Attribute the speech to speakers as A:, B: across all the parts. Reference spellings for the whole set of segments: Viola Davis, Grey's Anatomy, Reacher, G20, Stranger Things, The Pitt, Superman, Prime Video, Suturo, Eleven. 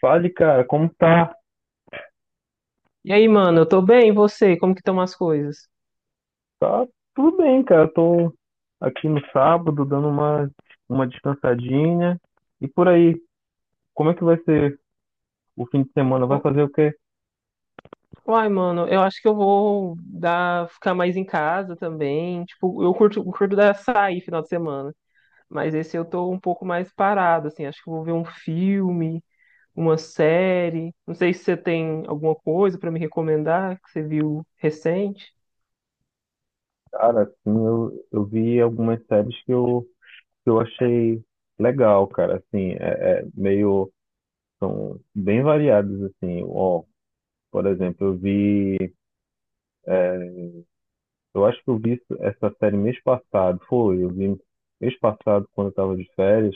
A: Fale, cara, como tá?
B: E aí, mano, eu tô bem, e você? Como que estão as coisas?
A: Tá tudo bem, cara. Tô aqui no sábado dando uma descansadinha. E por aí, como é que vai ser o fim de semana? Vai
B: Ô,
A: fazer o quê?
B: Mano, eu acho que eu vou ficar mais em casa também. Tipo, eu curto dar sair final de semana, mas esse eu tô um pouco mais parado, assim. Acho que eu vou ver um filme, uma série. Não sei se você tem alguma coisa pra me recomendar que você viu recente.
A: Cara, assim, eu vi algumas séries que eu achei legal, cara. Assim, é, é meio. São bem variadas, assim. Ó, por exemplo, eu vi. Eu acho que eu vi essa série mês passado. Eu vi mês passado quando eu tava de férias.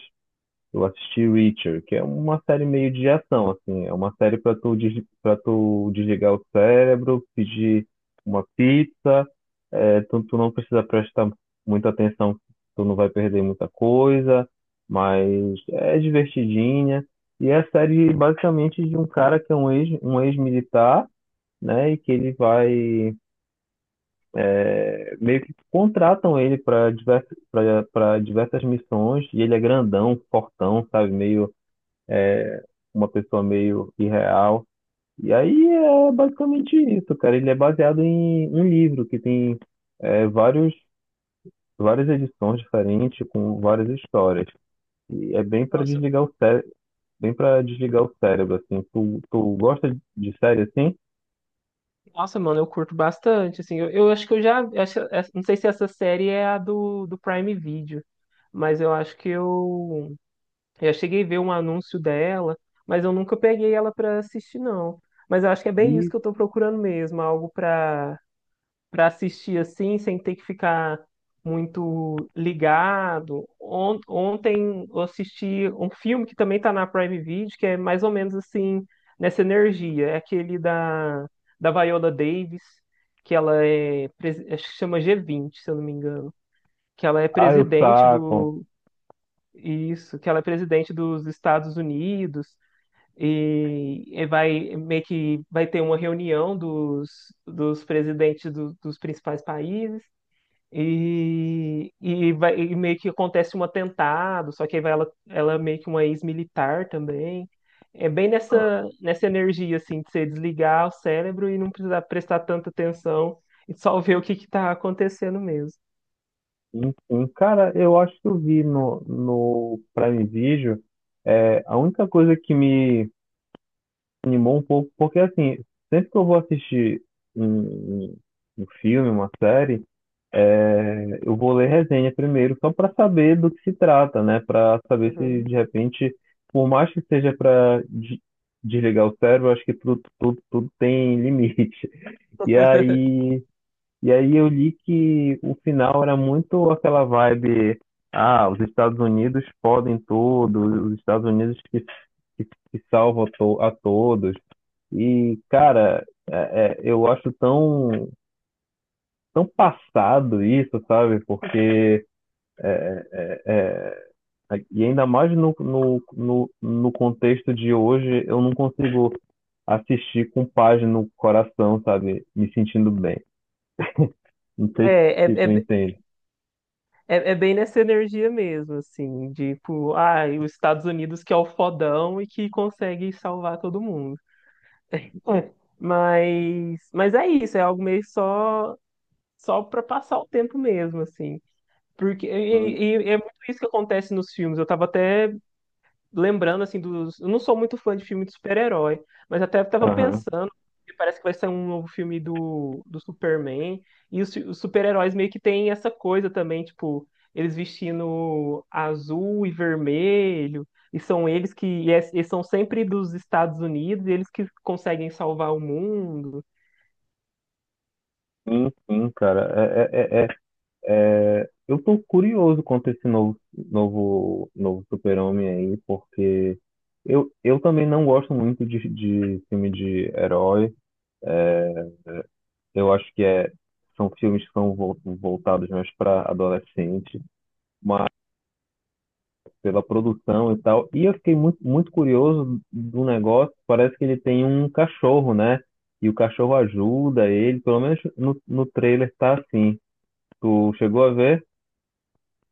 A: Eu assisti Reacher, que é uma série meio de ação, assim. É uma série pra tu desligar o cérebro, pedir uma pizza. Tu não precisa prestar muita atenção, tu não vai perder muita coisa, mas é divertidinha. E é a série basicamente de um cara que é um ex-militar, né? E que meio que contratam ele para diversas missões, e ele é grandão, fortão, sabe? Meio uma pessoa meio irreal. E aí é basicamente isso, cara. Ele é baseado em um livro que tem é, vários, várias edições diferentes com várias histórias. E é bem para
B: Nossa,
A: desligar o cérebro, bem para desligar o cérebro, assim. Tu gosta de série assim?
B: nossa, mano, eu curto bastante, assim. Eu acho que eu não sei se essa série é a do Prime Video, mas eu acho que eu cheguei a ver um anúncio dela, mas eu nunca peguei ela pra assistir, não. Mas eu acho que é bem isso
A: E
B: que eu tô procurando mesmo, algo pra para assistir assim, sem ter que ficar muito ligado. Ontem eu assisti um filme que também tá na Prime Video, que é mais ou menos assim, nessa energia. É aquele da Viola Davis, que ela acho que chama G20, se eu não me engano. Que ela é
A: ah, eu
B: presidente
A: saco.
B: do, Isso, que ela é presidente dos Estados Unidos e vai meio que vai ter uma reunião dos presidentes dos principais países e meio que acontece um atentado, só que aí ela é meio que uma ex-militar também. É bem nessa energia assim de você desligar o cérebro e não precisar prestar tanta atenção e só ver o que está acontecendo mesmo.
A: Enfim, cara, eu acho que eu vi no Prime Video. É, a única coisa que me animou um pouco, porque assim, sempre que eu vou assistir um, um- um filme, uma série, eu vou ler resenha primeiro, só para saber do que se trata, né? Para saber se de
B: Uhum.
A: repente, por mais que seja para desligar o cérebro, eu acho que tudo tem limite. E aí, e aí eu li que o final era muito aquela vibe. Ah, os Estados Unidos podem tudo, os Estados Unidos que salvam a todos. E, cara, eu acho tão passado isso, sabe? É, e ainda mais no contexto de hoje, eu não consigo assistir com paz no coração, sabe? Me sentindo bem. Não sei se,
B: É,
A: se tu
B: é,
A: entende.
B: É, é bem nessa energia mesmo, assim, tipo, ai, os Estados Unidos que é o fodão e que consegue salvar todo mundo. Mas é isso, é algo só para passar o tempo mesmo, assim. Porque
A: Sim.
B: e é muito isso que acontece nos filmes. Eu tava até lembrando, assim, dos. Eu não sou muito fã de filme de super-herói, mas até tava
A: Aham.
B: pensando, que parece que vai sair um novo filme do Superman, e os super-heróis meio que têm essa coisa também, tipo, eles vestindo azul e vermelho, e são eles que. Eles são sempre dos Estados Unidos, e eles que conseguem salvar o mundo.
A: Sim, sim, cara. Eu tô curioso quanto a esse novo super-homem aí, porque eu também não gosto muito de filme de herói. Eu acho que é, são filmes que são voltados mais para adolescente, pela produção e tal. E eu fiquei muito curioso do negócio. Parece que ele tem um cachorro, né? E o cachorro ajuda ele, pelo menos no trailer tá assim. Tu chegou a ver?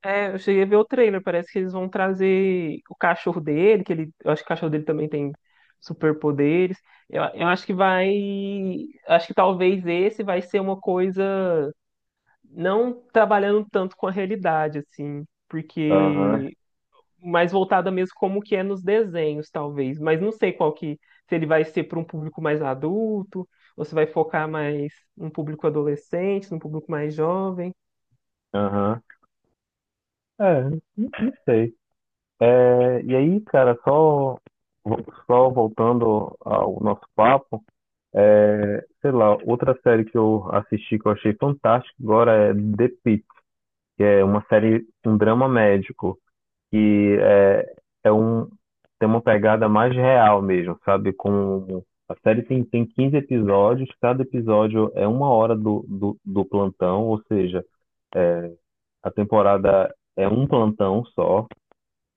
B: É, eu cheguei a ver o trailer, parece que eles vão trazer o cachorro dele, que ele, eu acho que o cachorro dele também tem superpoderes. Eu acho que acho que talvez esse vai ser uma coisa não trabalhando tanto com a realidade assim,
A: Aham,
B: porque mais voltada mesmo como que é nos desenhos, talvez, mas não sei qual que se ele vai ser para um público mais adulto ou se vai focar mais num público adolescente, num público mais jovem.
A: aham. É, não sei. É, e aí, cara, só voltando ao nosso papo, é, sei lá, outra série que eu assisti que eu achei fantástica agora é The Pitt, que é uma série, um drama médico, que é, é um, tem uma pegada mais real mesmo, sabe? Com, a série tem 15 episódios, cada episódio é uma hora do plantão, ou seja, a temporada é um plantão só,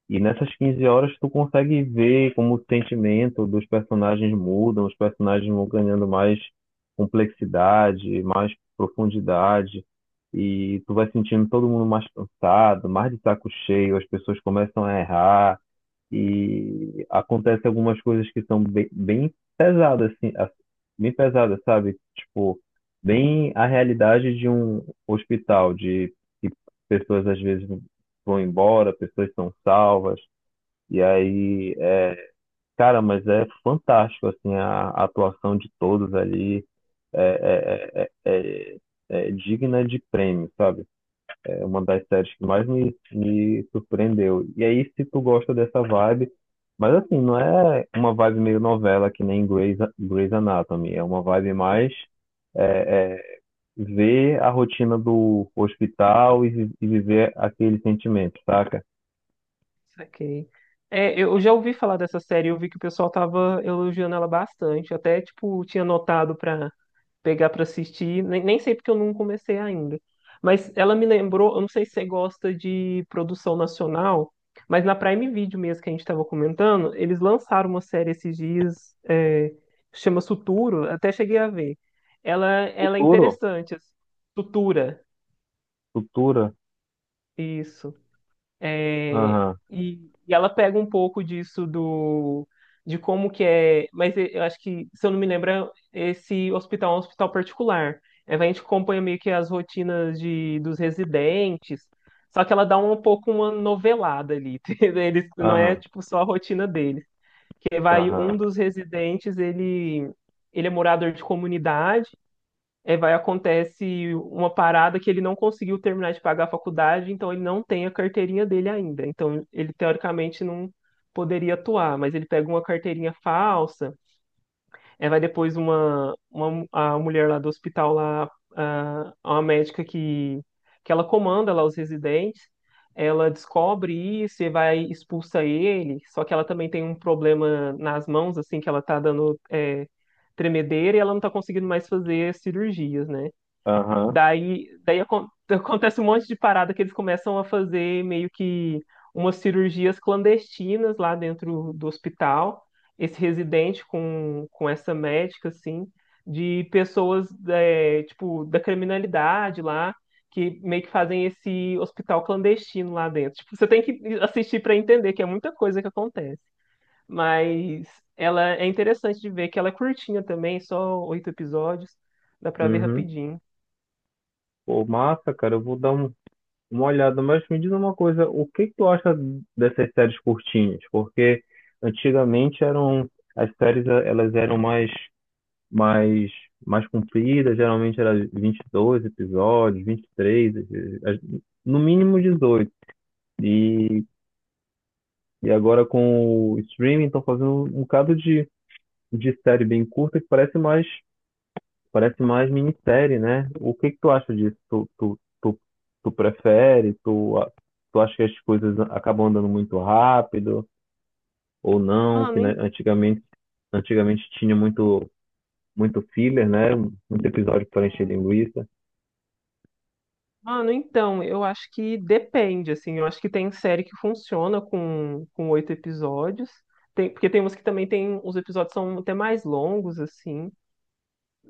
A: e nessas 15 horas tu consegue ver como o sentimento dos personagens mudam, os personagens vão ganhando mais complexidade, mais profundidade, e tu vai sentindo todo mundo mais cansado, mais de saco cheio, as pessoas começam a errar, e acontece algumas coisas que são bem pesadas, sabe? Tipo, bem a realidade de um hospital, de que pessoas às vezes vão embora, pessoas são salvas, e aí, é, cara, mas é fantástico, assim, a atuação de todos ali é, é, é, é, é é digna de prêmio, sabe? É uma das séries que mais me surpreendeu. E aí, se tu gosta dessa vibe, mas assim, não é uma vibe meio novela que nem Grey's Anatomy, é uma vibe mais é, é, ver a rotina do hospital e viver aquele sentimento, saca?
B: Saquei. É, eu já ouvi falar dessa série, eu vi que o pessoal tava elogiando ela bastante. Até, tipo, tinha anotado pra pegar pra assistir. Nem sei porque eu não comecei ainda. Mas ela me lembrou, eu não sei se você gosta de produção nacional, mas na Prime Video mesmo que a gente tava comentando, eles lançaram uma série esses dias, chama Suturo, até cheguei a ver. Ela é
A: Futuro,
B: interessante, assim. Sutura,
A: futura,
B: isso. É,
A: aham,
B: e, e ela pega um pouco disso do de como que é, mas eu acho que, se eu não me lembro, esse hospital é um hospital particular. É, a gente acompanha meio que as rotinas dos residentes, só que ela dá um pouco uma novelada ali, entendeu? Eles, não é
A: aham.
B: tipo só a rotina deles. Que vai um
A: Aham,
B: dos residentes, ele é morador de comunidade é, vai acontece uma parada que ele não conseguiu terminar de pagar a faculdade, então ele não tem a carteirinha dele ainda. Então ele teoricamente não poderia atuar, mas ele pega uma carteirinha falsa, é, vai depois uma a mulher lá do hospital lá, uma médica que ela comanda lá os residentes, ela descobre isso e vai expulsa ele, só que ela também tem um problema nas mãos, assim, que ela tá dando é, tremedeira e ela não tá conseguindo mais fazer cirurgias, né?
A: aham,
B: Acontece um monte de parada que eles começam a fazer meio que umas cirurgias clandestinas lá dentro do hospital. Esse residente com essa médica, assim, de pessoas, é, tipo, da criminalidade lá, que meio que fazem esse hospital clandestino lá dentro. Tipo, você tem que assistir para entender que é muita coisa que acontece. Mas ela é interessante de ver que ela é curtinha também, só oito episódios, dá pra ver
A: uhum.
B: rapidinho.
A: Pô, massa, cara, eu vou dar uma olhada, mas me diz uma coisa, o que que tu acha dessas séries curtinhas? Porque antigamente eram, as séries, elas eram mais, mais compridas, geralmente era 22 episódios, 23, as- no mínimo 18 e, e agora com o streaming estão fazendo um bocado de série bem curta que parece mais parece mais minissérie, né? O que que tu acha disso? Tu prefere? Tu acha que as coisas acabam andando muito rápido ou não? Que né,
B: Mano,
A: antigamente, antigamente tinha muito, muito filler, né? Muito episódio para encher linguiça.
B: Então, eu acho que depende, assim, eu acho que tem série que funciona com oito episódios, tem, porque tem umas que também tem, os episódios são até mais longos, assim,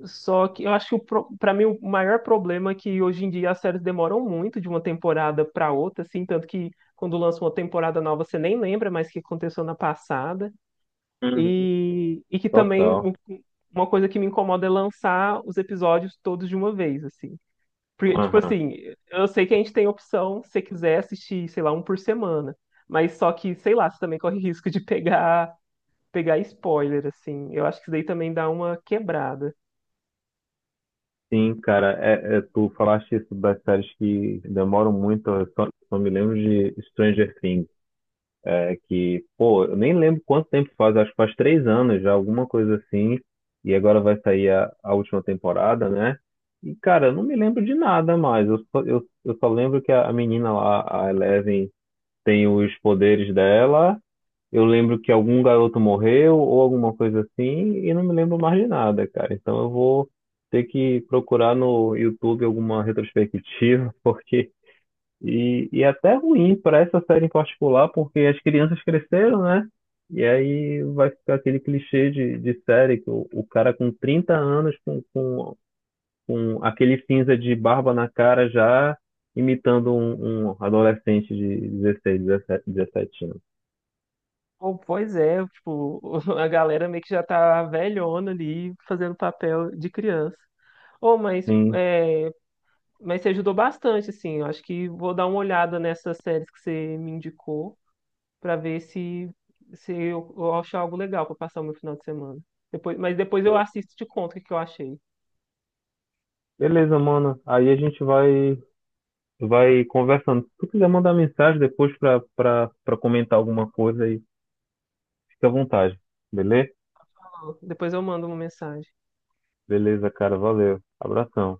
B: só que eu acho que o pra mim o maior problema é que hoje em dia as séries demoram muito de uma temporada pra outra, assim, tanto que quando lança uma temporada nova você nem lembra mais o que aconteceu na passada,
A: Uhum.
B: e que também
A: Total.
B: uma coisa que me incomoda é lançar os episódios todos de uma vez, assim. Porque, tipo
A: Aham.
B: assim, eu sei que a gente tem opção se você quiser assistir, sei lá, um por semana. Mas só que, sei lá, você também corre risco de pegar spoiler, assim. Eu acho que isso daí também dá uma quebrada.
A: Sim, cara, é, é, tu falaste isso das séries que demoram muito, eu só me lembro de Stranger Things. É que, pô, eu nem lembro quanto tempo faz, acho que faz três anos já, alguma coisa assim. E agora vai sair a última temporada, né? E, cara, eu não me lembro de nada mais. Eu só lembro que a menina lá, a Eleven, tem os poderes dela. Eu lembro que algum garoto morreu ou alguma coisa assim. E não me lembro mais de nada, cara. Então eu vou ter que procurar no YouTube alguma retrospectiva, porque é até ruim para essa série em particular, porque as crianças cresceram, né? E aí vai ficar aquele clichê de série que o cara com 30 anos, com aquele cinza de barba na cara já, imitando um adolescente de 16, 17 17 anos.
B: Pô, pois é, tipo, a galera meio que já tá velhona ali, fazendo papel de criança. Ô, mas,
A: Sim,
B: é, mas você ajudou bastante, assim. Eu acho que vou dar uma olhada nessas séries que você me indicou, para ver se eu acho algo legal para passar o meu final de semana. Depois eu
A: sim.
B: assisto e te conto o que que eu achei.
A: Beleza, mano. Aí a gente vai, vai conversando. Se tu quiser mandar mensagem depois pra comentar alguma coisa aí, fica à vontade. Beleza?
B: Depois eu mando uma mensagem.
A: Beleza, cara. Valeu. Abração.